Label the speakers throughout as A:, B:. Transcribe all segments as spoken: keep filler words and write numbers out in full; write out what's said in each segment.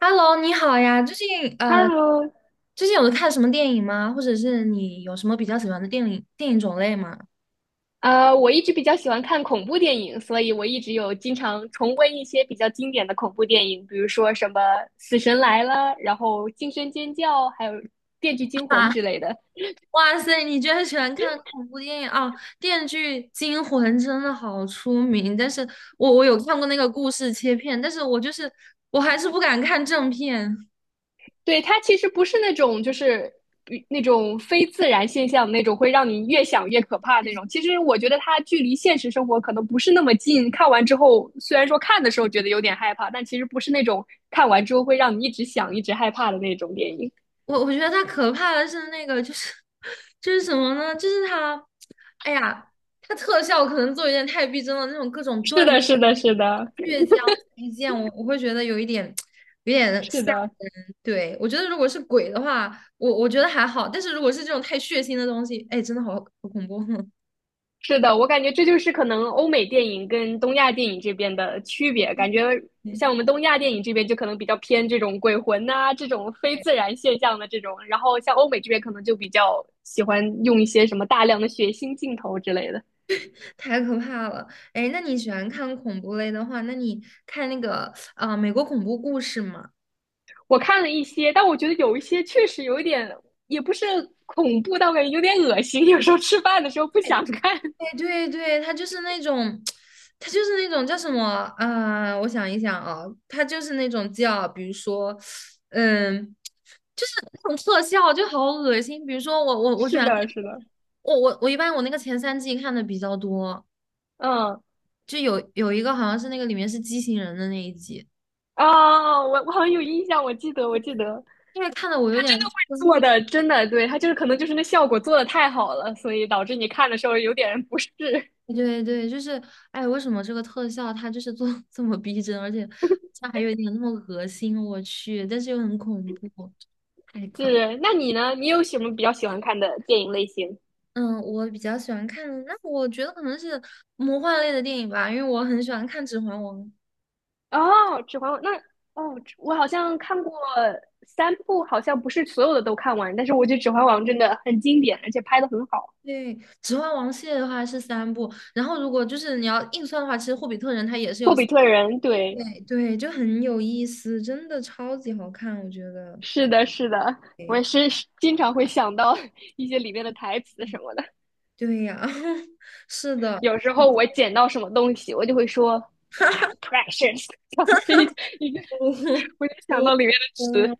A: Hello，你好呀！最近呃，
B: Hello，
A: 最近有看什么电影吗？或者是你有什么比较喜欢的电影电影种类吗？
B: 呃，我一直比较喜欢看恐怖电影，所以我一直有经常重温一些比较经典的恐怖电影，比如说什么《死神来了》，然后《惊声尖叫》，还有《电锯惊 魂》
A: 啊，
B: 之类的。
A: 哇塞，你居然喜欢看恐怖电影啊！电锯惊魂》真的好出名，但是我我有看过那个故事切片，但是我就是我还是不敢看正片。
B: 对，它其实不是那种就是比那种非自然现象那种会让你越想越可怕的那种。其实我觉得它距离现实生活可能不是那么近，看完之后虽然说看的时候觉得有点害怕，但其实不是那种看完之后会让你一直想、一直害怕的那种电影。
A: 我我觉得它可怕的是那个就是 就是什么呢？就是它，哎呀，它特效可能做有点太逼真了，那种各种断。
B: 是的，是的，是的。
A: 倔强推见我我会觉得有一点有点
B: 是
A: 吓
B: 的，
A: 人。对，我觉得如果是鬼的话，我我觉得还好，但是如果是这种太血腥的东西，哎，真的好好恐怖，
B: 是的，我感觉这就是可能欧美电影跟东亚电影这边的区别。感觉
A: 对，
B: 像我们东亚电影这边就可能比较偏这种鬼魂呐、这种非自然现象的这种，然后像欧美这边可能就比较喜欢用一些什么大量的血腥镜头之类的。
A: 太可怕了。哎，那你喜欢看恐怖类的话，那你看那个啊、呃美国恐怖故事》吗？
B: 我看了一些，但我觉得有一些确实有一点，也不是恐怖，但我感觉有点恶心。有时候吃饭的时候不想看。
A: 哎对对，他就是那种，他就是那种叫什么啊、我想一想啊，他就是那种叫，比如说，嗯，就是那种特效就好恶心。比如说我我我喜
B: 是
A: 欢看
B: 的，是的。
A: 我我我一般我那个前三季看的比较多，
B: 嗯。
A: 就有有一个好像是那个里面是畸形人的那一集，
B: 啊，我我好像有印象，我记得，我记得。
A: 因为看的我有
B: 他
A: 点
B: 真的会
A: 生
B: 做
A: 理
B: 的，真的，对，他就是可能就是那效果做的太好了，所以导致你看的时候有点不适。
A: 对对，就是哎，为什么这个特效它就是做得这么逼真，而且它还有一点那么恶心，我去，但是又很恐怖，太可怕。
B: 是。那你呢？你有什么比较喜欢看的电影类型？
A: 嗯，我比较喜欢看，那我觉得可能是魔幻类的电影吧，因为我很喜欢看《指环王》。
B: 哦，《指环王》那哦，我好像看过三部，好像不是所有的都看完，但是我觉得《指环王》真的很经典，而且拍的很好。
A: 对，《指环王》系列的话是三部，然后如果就是你要硬算的话，其实《霍比特人》它也是有
B: 《霍
A: 三，
B: 比特人》对。
A: 哎对，就很有意思，真的超级好看，我觉得。
B: 是的，是的，我也是经常会想到 一些里面的台词什么的。
A: 对呀，是的，
B: 有时候我捡到什么东西，我就会说 “my precious”，我 就想到里面的词。
A: 嗯，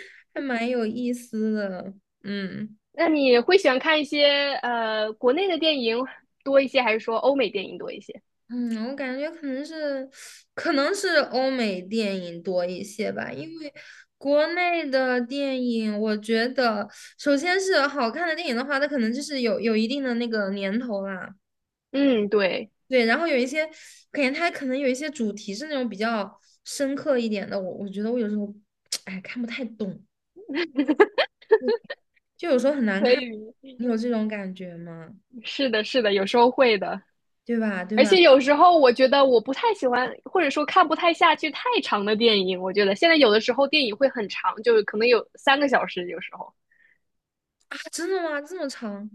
A: 还蛮有意思的，嗯。
B: 那你会喜欢看一些呃国内的电影多一些，还是说欧美电影多一些？
A: 嗯，我感觉可能是，可能是欧美电影多一些吧，因为国内的电影，我觉得首先是好看的电影的话，它可能就是有有一定的那个年头啦，
B: 嗯，对。
A: 对，然后有一些，感觉它可能有一些主题是那种比较深刻一点的，我我觉得我有时候，哎，看不太懂，就有时候很难
B: 可
A: 看，
B: 以。
A: 你有这种感觉吗？
B: 是的，是的，有时候会的。
A: 对吧？对
B: 而
A: 吧？
B: 且有时候我觉得我不太喜欢，或者说看不太下去太长的电影。我觉得现在有的时候电影会很长，就是可能有三个小时，有时候。
A: 啊，真的吗？这么长？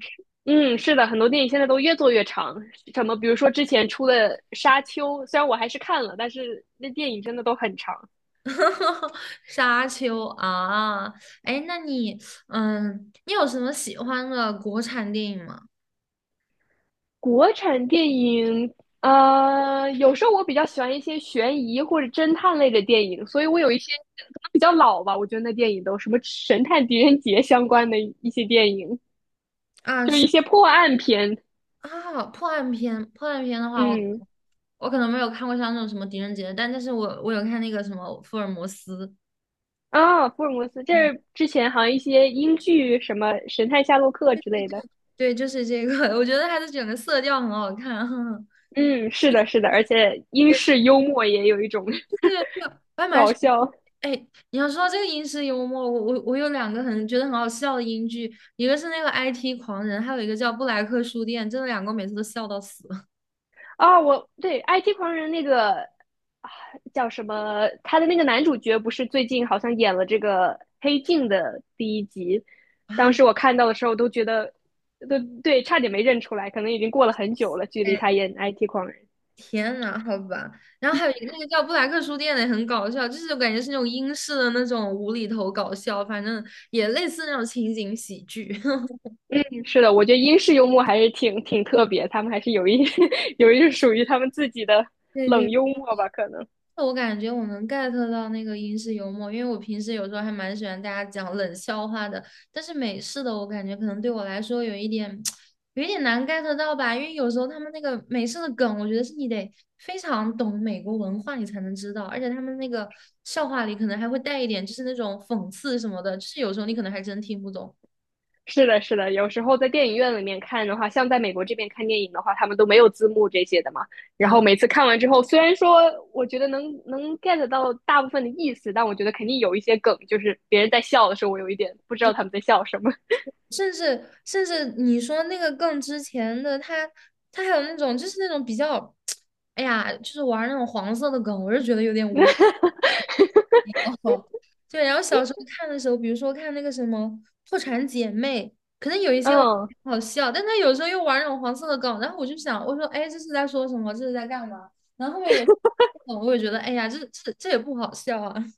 B: 嗯，是的，很多电影现在都越做越长，什么比如说之前出的《沙丘》，虽然我还是看了，但是那电影真的都很长。
A: 哈哈，沙丘啊，哎，那你，嗯，你有什么喜欢的国产电影吗？
B: 国产电影，呃，有时候我比较喜欢一些悬疑或者侦探类的电影，所以我有一些可能比较老吧，我觉得那电影都什么《神探狄仁杰》相关的一些电影，
A: 啊，
B: 就是
A: 是
B: 一些破案片。
A: 啊，破案片，破案片的话，我
B: 嗯。
A: 我可能没有看过像那种什么《狄仁杰》，但但是我我有看那个什么《福尔摩斯》，
B: 啊，福尔摩斯，这之前好像一些英剧，什么《神探夏洛克》之类的。
A: 对，就是这个，我觉得它的整个色调很好看。
B: 嗯，是的，是的，而且英 式幽默也有一种
A: 这个 这个我还蛮
B: 搞
A: 喜欢。
B: 笑
A: 哎，你要说到这个英式幽默，我我我有两个很觉得很好笑的英剧，一个是那个 I T 狂人，还有一个叫布莱克书店，真的两个我每次都笑到死
B: 啊。我对《I T 狂人》那个啊叫什么，他的那个男主角不是最近好像演了这个《黑镜》的第一集，当
A: 啊！
B: 时我看到的时候都觉得，都对，差点没认出来，可能已经过了很久了，距离他
A: 哎，
B: 演《I T 狂人》。嗯
A: 天呐，好吧。然后还有一个那个叫布莱克书店的也很搞笑，就是我感觉是那种英式的那种无厘头搞笑，反正也类似那种情景喜剧。
B: 是的，我觉得英式幽默还是挺挺特别，他们还是有一 有一种属于他们自己的
A: 对
B: 冷
A: 对
B: 幽默吧，可能。
A: 我感觉我能 get 到那个英式幽默，因为我平时有时候还蛮喜欢大家讲冷笑话的，但是美式的我感觉可能对我来说有一点 有一点难 get 到吧，因为有时候他们那个美式的梗，我觉得是你得非常懂美国文化你才能知道，而且他们那个笑话里可能还会带一点就是那种讽刺什么的，就是有时候你可能还真听不懂。
B: 是的，是的，有时候在电影院里面看的话，像在美国这边看电影的话，他们都没有字幕这些的嘛。然后每次看完之后，虽然说我觉得能能 get 到大部分的意思，但我觉得肯定有一些梗，就是别人在笑的时候，我有一点不知道他们在笑什么。
A: 甚至甚至你说那个更之前的他，他还有那种就是那种比较，哎呀，就是玩那种黄色的梗，我是觉得有点无聊。对，然后小时候看的时候，比如说看那个什么《破产姐妹》，可能有一些我觉得
B: 嗯，
A: 挺好笑，但他有时候又玩那种黄色的梗，然后我就想，我说，哎，这是在说什么？这是在干嘛？然后后面有梗，我也觉得，哎呀，这这这也不好笑啊。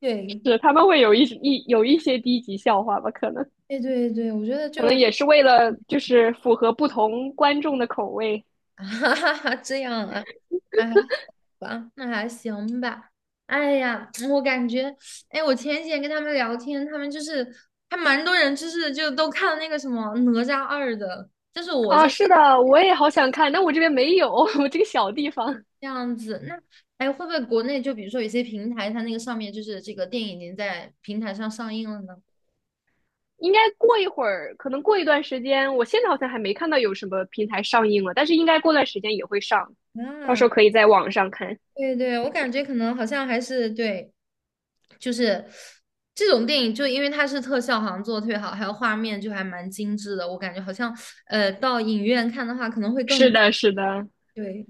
A: 对，
B: 是他们会有一一有一些低级笑话吧，可能
A: 对对对，我觉得就
B: 可能也是 为了就是符合不同观众的口味
A: 哈哈哈这样啊。啊。吧，那还行吧。哎呀，我感觉，哎，我前几天跟他们聊天，他们就是还蛮多人，就是就都看了那个什么《哪吒二》的，就是我这
B: 啊。是的，我也好想看，但我这边没有，我这个小地方。
A: 这样子。那哎，会不会国内就比如说有些平台，它那个上面就是这个电影已经在平台上上映了呢？
B: 应该过一会儿，可能过一段时间，我现在好像还没看到有什么平台上映了，但是应该过段时间也会上，到时
A: 啊，
B: 候可以在网上看。
A: 对对，我感觉可能好像还是对，就是这种电影，就因为它是特效，好像做的特别好，还有画面就还蛮精致的。我感觉好像，呃，到影院看的话可能会更
B: 是的，是的，
A: 对。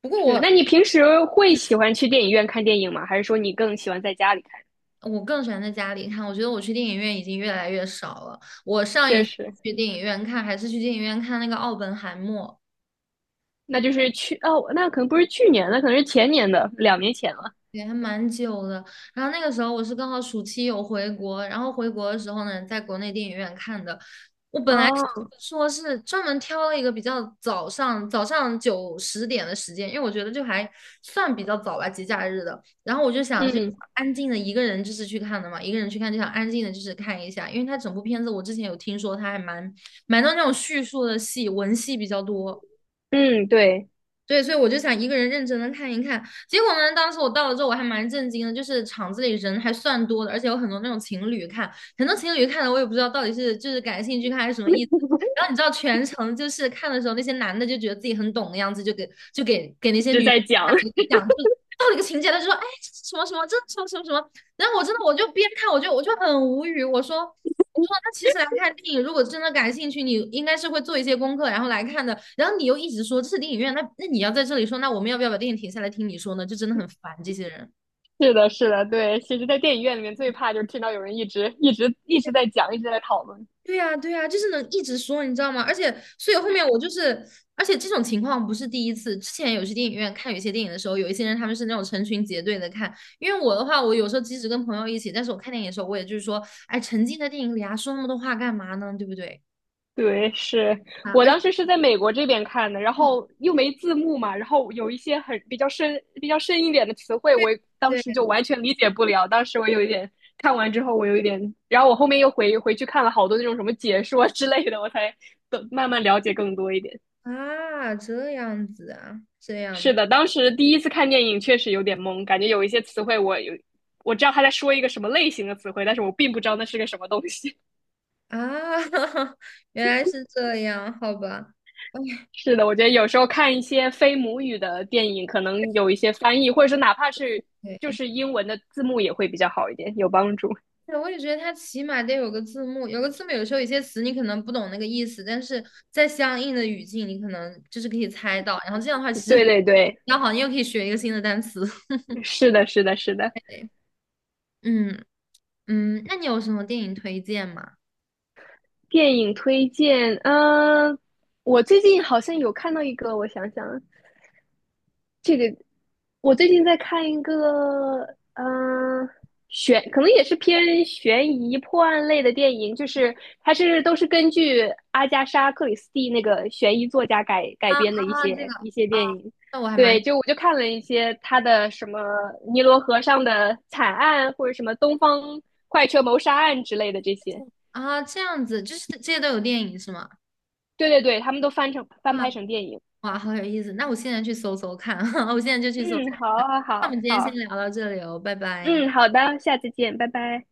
A: 不过
B: 是。
A: 我
B: 那你平时会喜欢去电影院看电影吗？还是说你更喜欢在家里看？
A: 我更喜欢在家里看，我觉得我去电影院已经越来越少了。我上
B: 确
A: 一次
B: 实。
A: 去电影院看还是去电影院看那个《奥本海默》，
B: 那就是去哦，那可能不是去年的，可能是前年的，两年前了。
A: 也还蛮久的。然后那个时候我是刚好暑期有回国，然后回国的时候呢，在国内电影院看的。我本来
B: 哦。
A: 说是专门挑了一个比较早上早上九十点的时间，因为我觉得就还算比较早吧，节假日的。然后我就想去
B: 嗯。
A: 安静的一个人就是去看的嘛，一个人去看就想安静的就是看一下，因为它整部片子我之前有听说它还蛮蛮多那种叙述的戏，文戏比较多。
B: 嗯，对，
A: 对，所以我就想一个人认真的看一看。结果呢，当时我到了之后，我还蛮震惊的，就是场子里人还算多的，而且有很多那种情侣看，很多情侣看的我也不知道到底是就是感兴趣看还是什么意思。然后你知道全程就是看的时候，那些男的就觉得自己很懂的样子，就给就给给那
B: 一
A: 些
B: 直
A: 女生
B: 在讲。
A: 讲，就到了一个情节，他就说哎这是什么什么，这是什么什么什么。然后我真的我就边看我就我就很无语，我说。我那其实来看电影，如果真的感兴趣，你应该是会做一些功课，然后来看的。然后你又一直说这是电影院，那那你要在这里说，那我们要不要把电影停下来听你说呢？就真的很烦这些人。
B: 是的，是的，对。其实，在电影院里面最怕就是听到有人一直一直一直在讲，一直在讨论。
A: 对呀，对呀，就是能一直说，你知道吗？而且，所以后面我就是，而且这种情况不是第一次。之前有去电影院看有一些电影的时候，有一些人他们是那种成群结队的看。因为我的话，我有时候即使跟朋友一起，但是我看电影的时候，我也就是说，哎，沉浸在电影里啊，说那么多话干嘛呢？对不对？
B: 对，是。
A: 啊，
B: 我
A: 而且
B: 当时是在美国这边看的，然后又没字幕嘛，然后有一些很比较深、比较深一点的词汇，我当
A: 对
B: 时就完全理解不了。当时我有一点看完之后，我有一点，然后我后面又回回去看了好多那种什么解说之类的，我才懂慢慢了解更多一点。
A: 啊，这样子啊，这
B: 是
A: 样
B: 的，当时第一次看电影确实有点懵，感觉有一些词汇我有我知道他在说一个什么类型的词汇，但是我并不知道那是个什么东西。
A: 啊，原来是这样，好吧。哎
B: 是的，我觉得有时候看一些非母语的电影，可能有一些翻译，或者是哪怕是就
A: 对，
B: 是英文的字幕也会比较好一点，有帮助。
A: 对，我也觉得它起码得有个字幕，有个字幕，有时候有些词你可能不懂那个意思，但是在相应的语境，你可能就是可以猜到。然后这样的话，其实
B: 对
A: 比
B: 对对。
A: 较好，你又可以学一个新的单词。
B: 是的，是的，是的。
A: 对，嗯嗯，那你有什么电影推荐吗？
B: 电影推荐，嗯、我最近好像有看到一个，我想想，这个我最近在看一个，嗯、悬，可能也是偏悬疑破案类的电影，就是它是都是根据阿加莎·克里斯蒂那个悬疑作家改改
A: 啊
B: 编的一
A: 啊，这个，
B: 些一些
A: 啊，
B: 电影。
A: 那我还蛮
B: 对，就我就看了一些他的什么尼罗河上的惨案，或者什么东方快车谋杀案之类的这些。
A: 啊，这样子，就是这些都有电影是吗？
B: 对对对，他们都翻成翻
A: 啊。
B: 拍成电影。
A: 哇，好有意思！那我现在去搜搜看，我现在就去搜
B: 嗯，
A: 搜
B: 好，
A: 看。那我们
B: 好，
A: 今天
B: 好，
A: 先
B: 好。
A: 聊到这里哦，拜拜。
B: 嗯，好的，下次见，拜拜。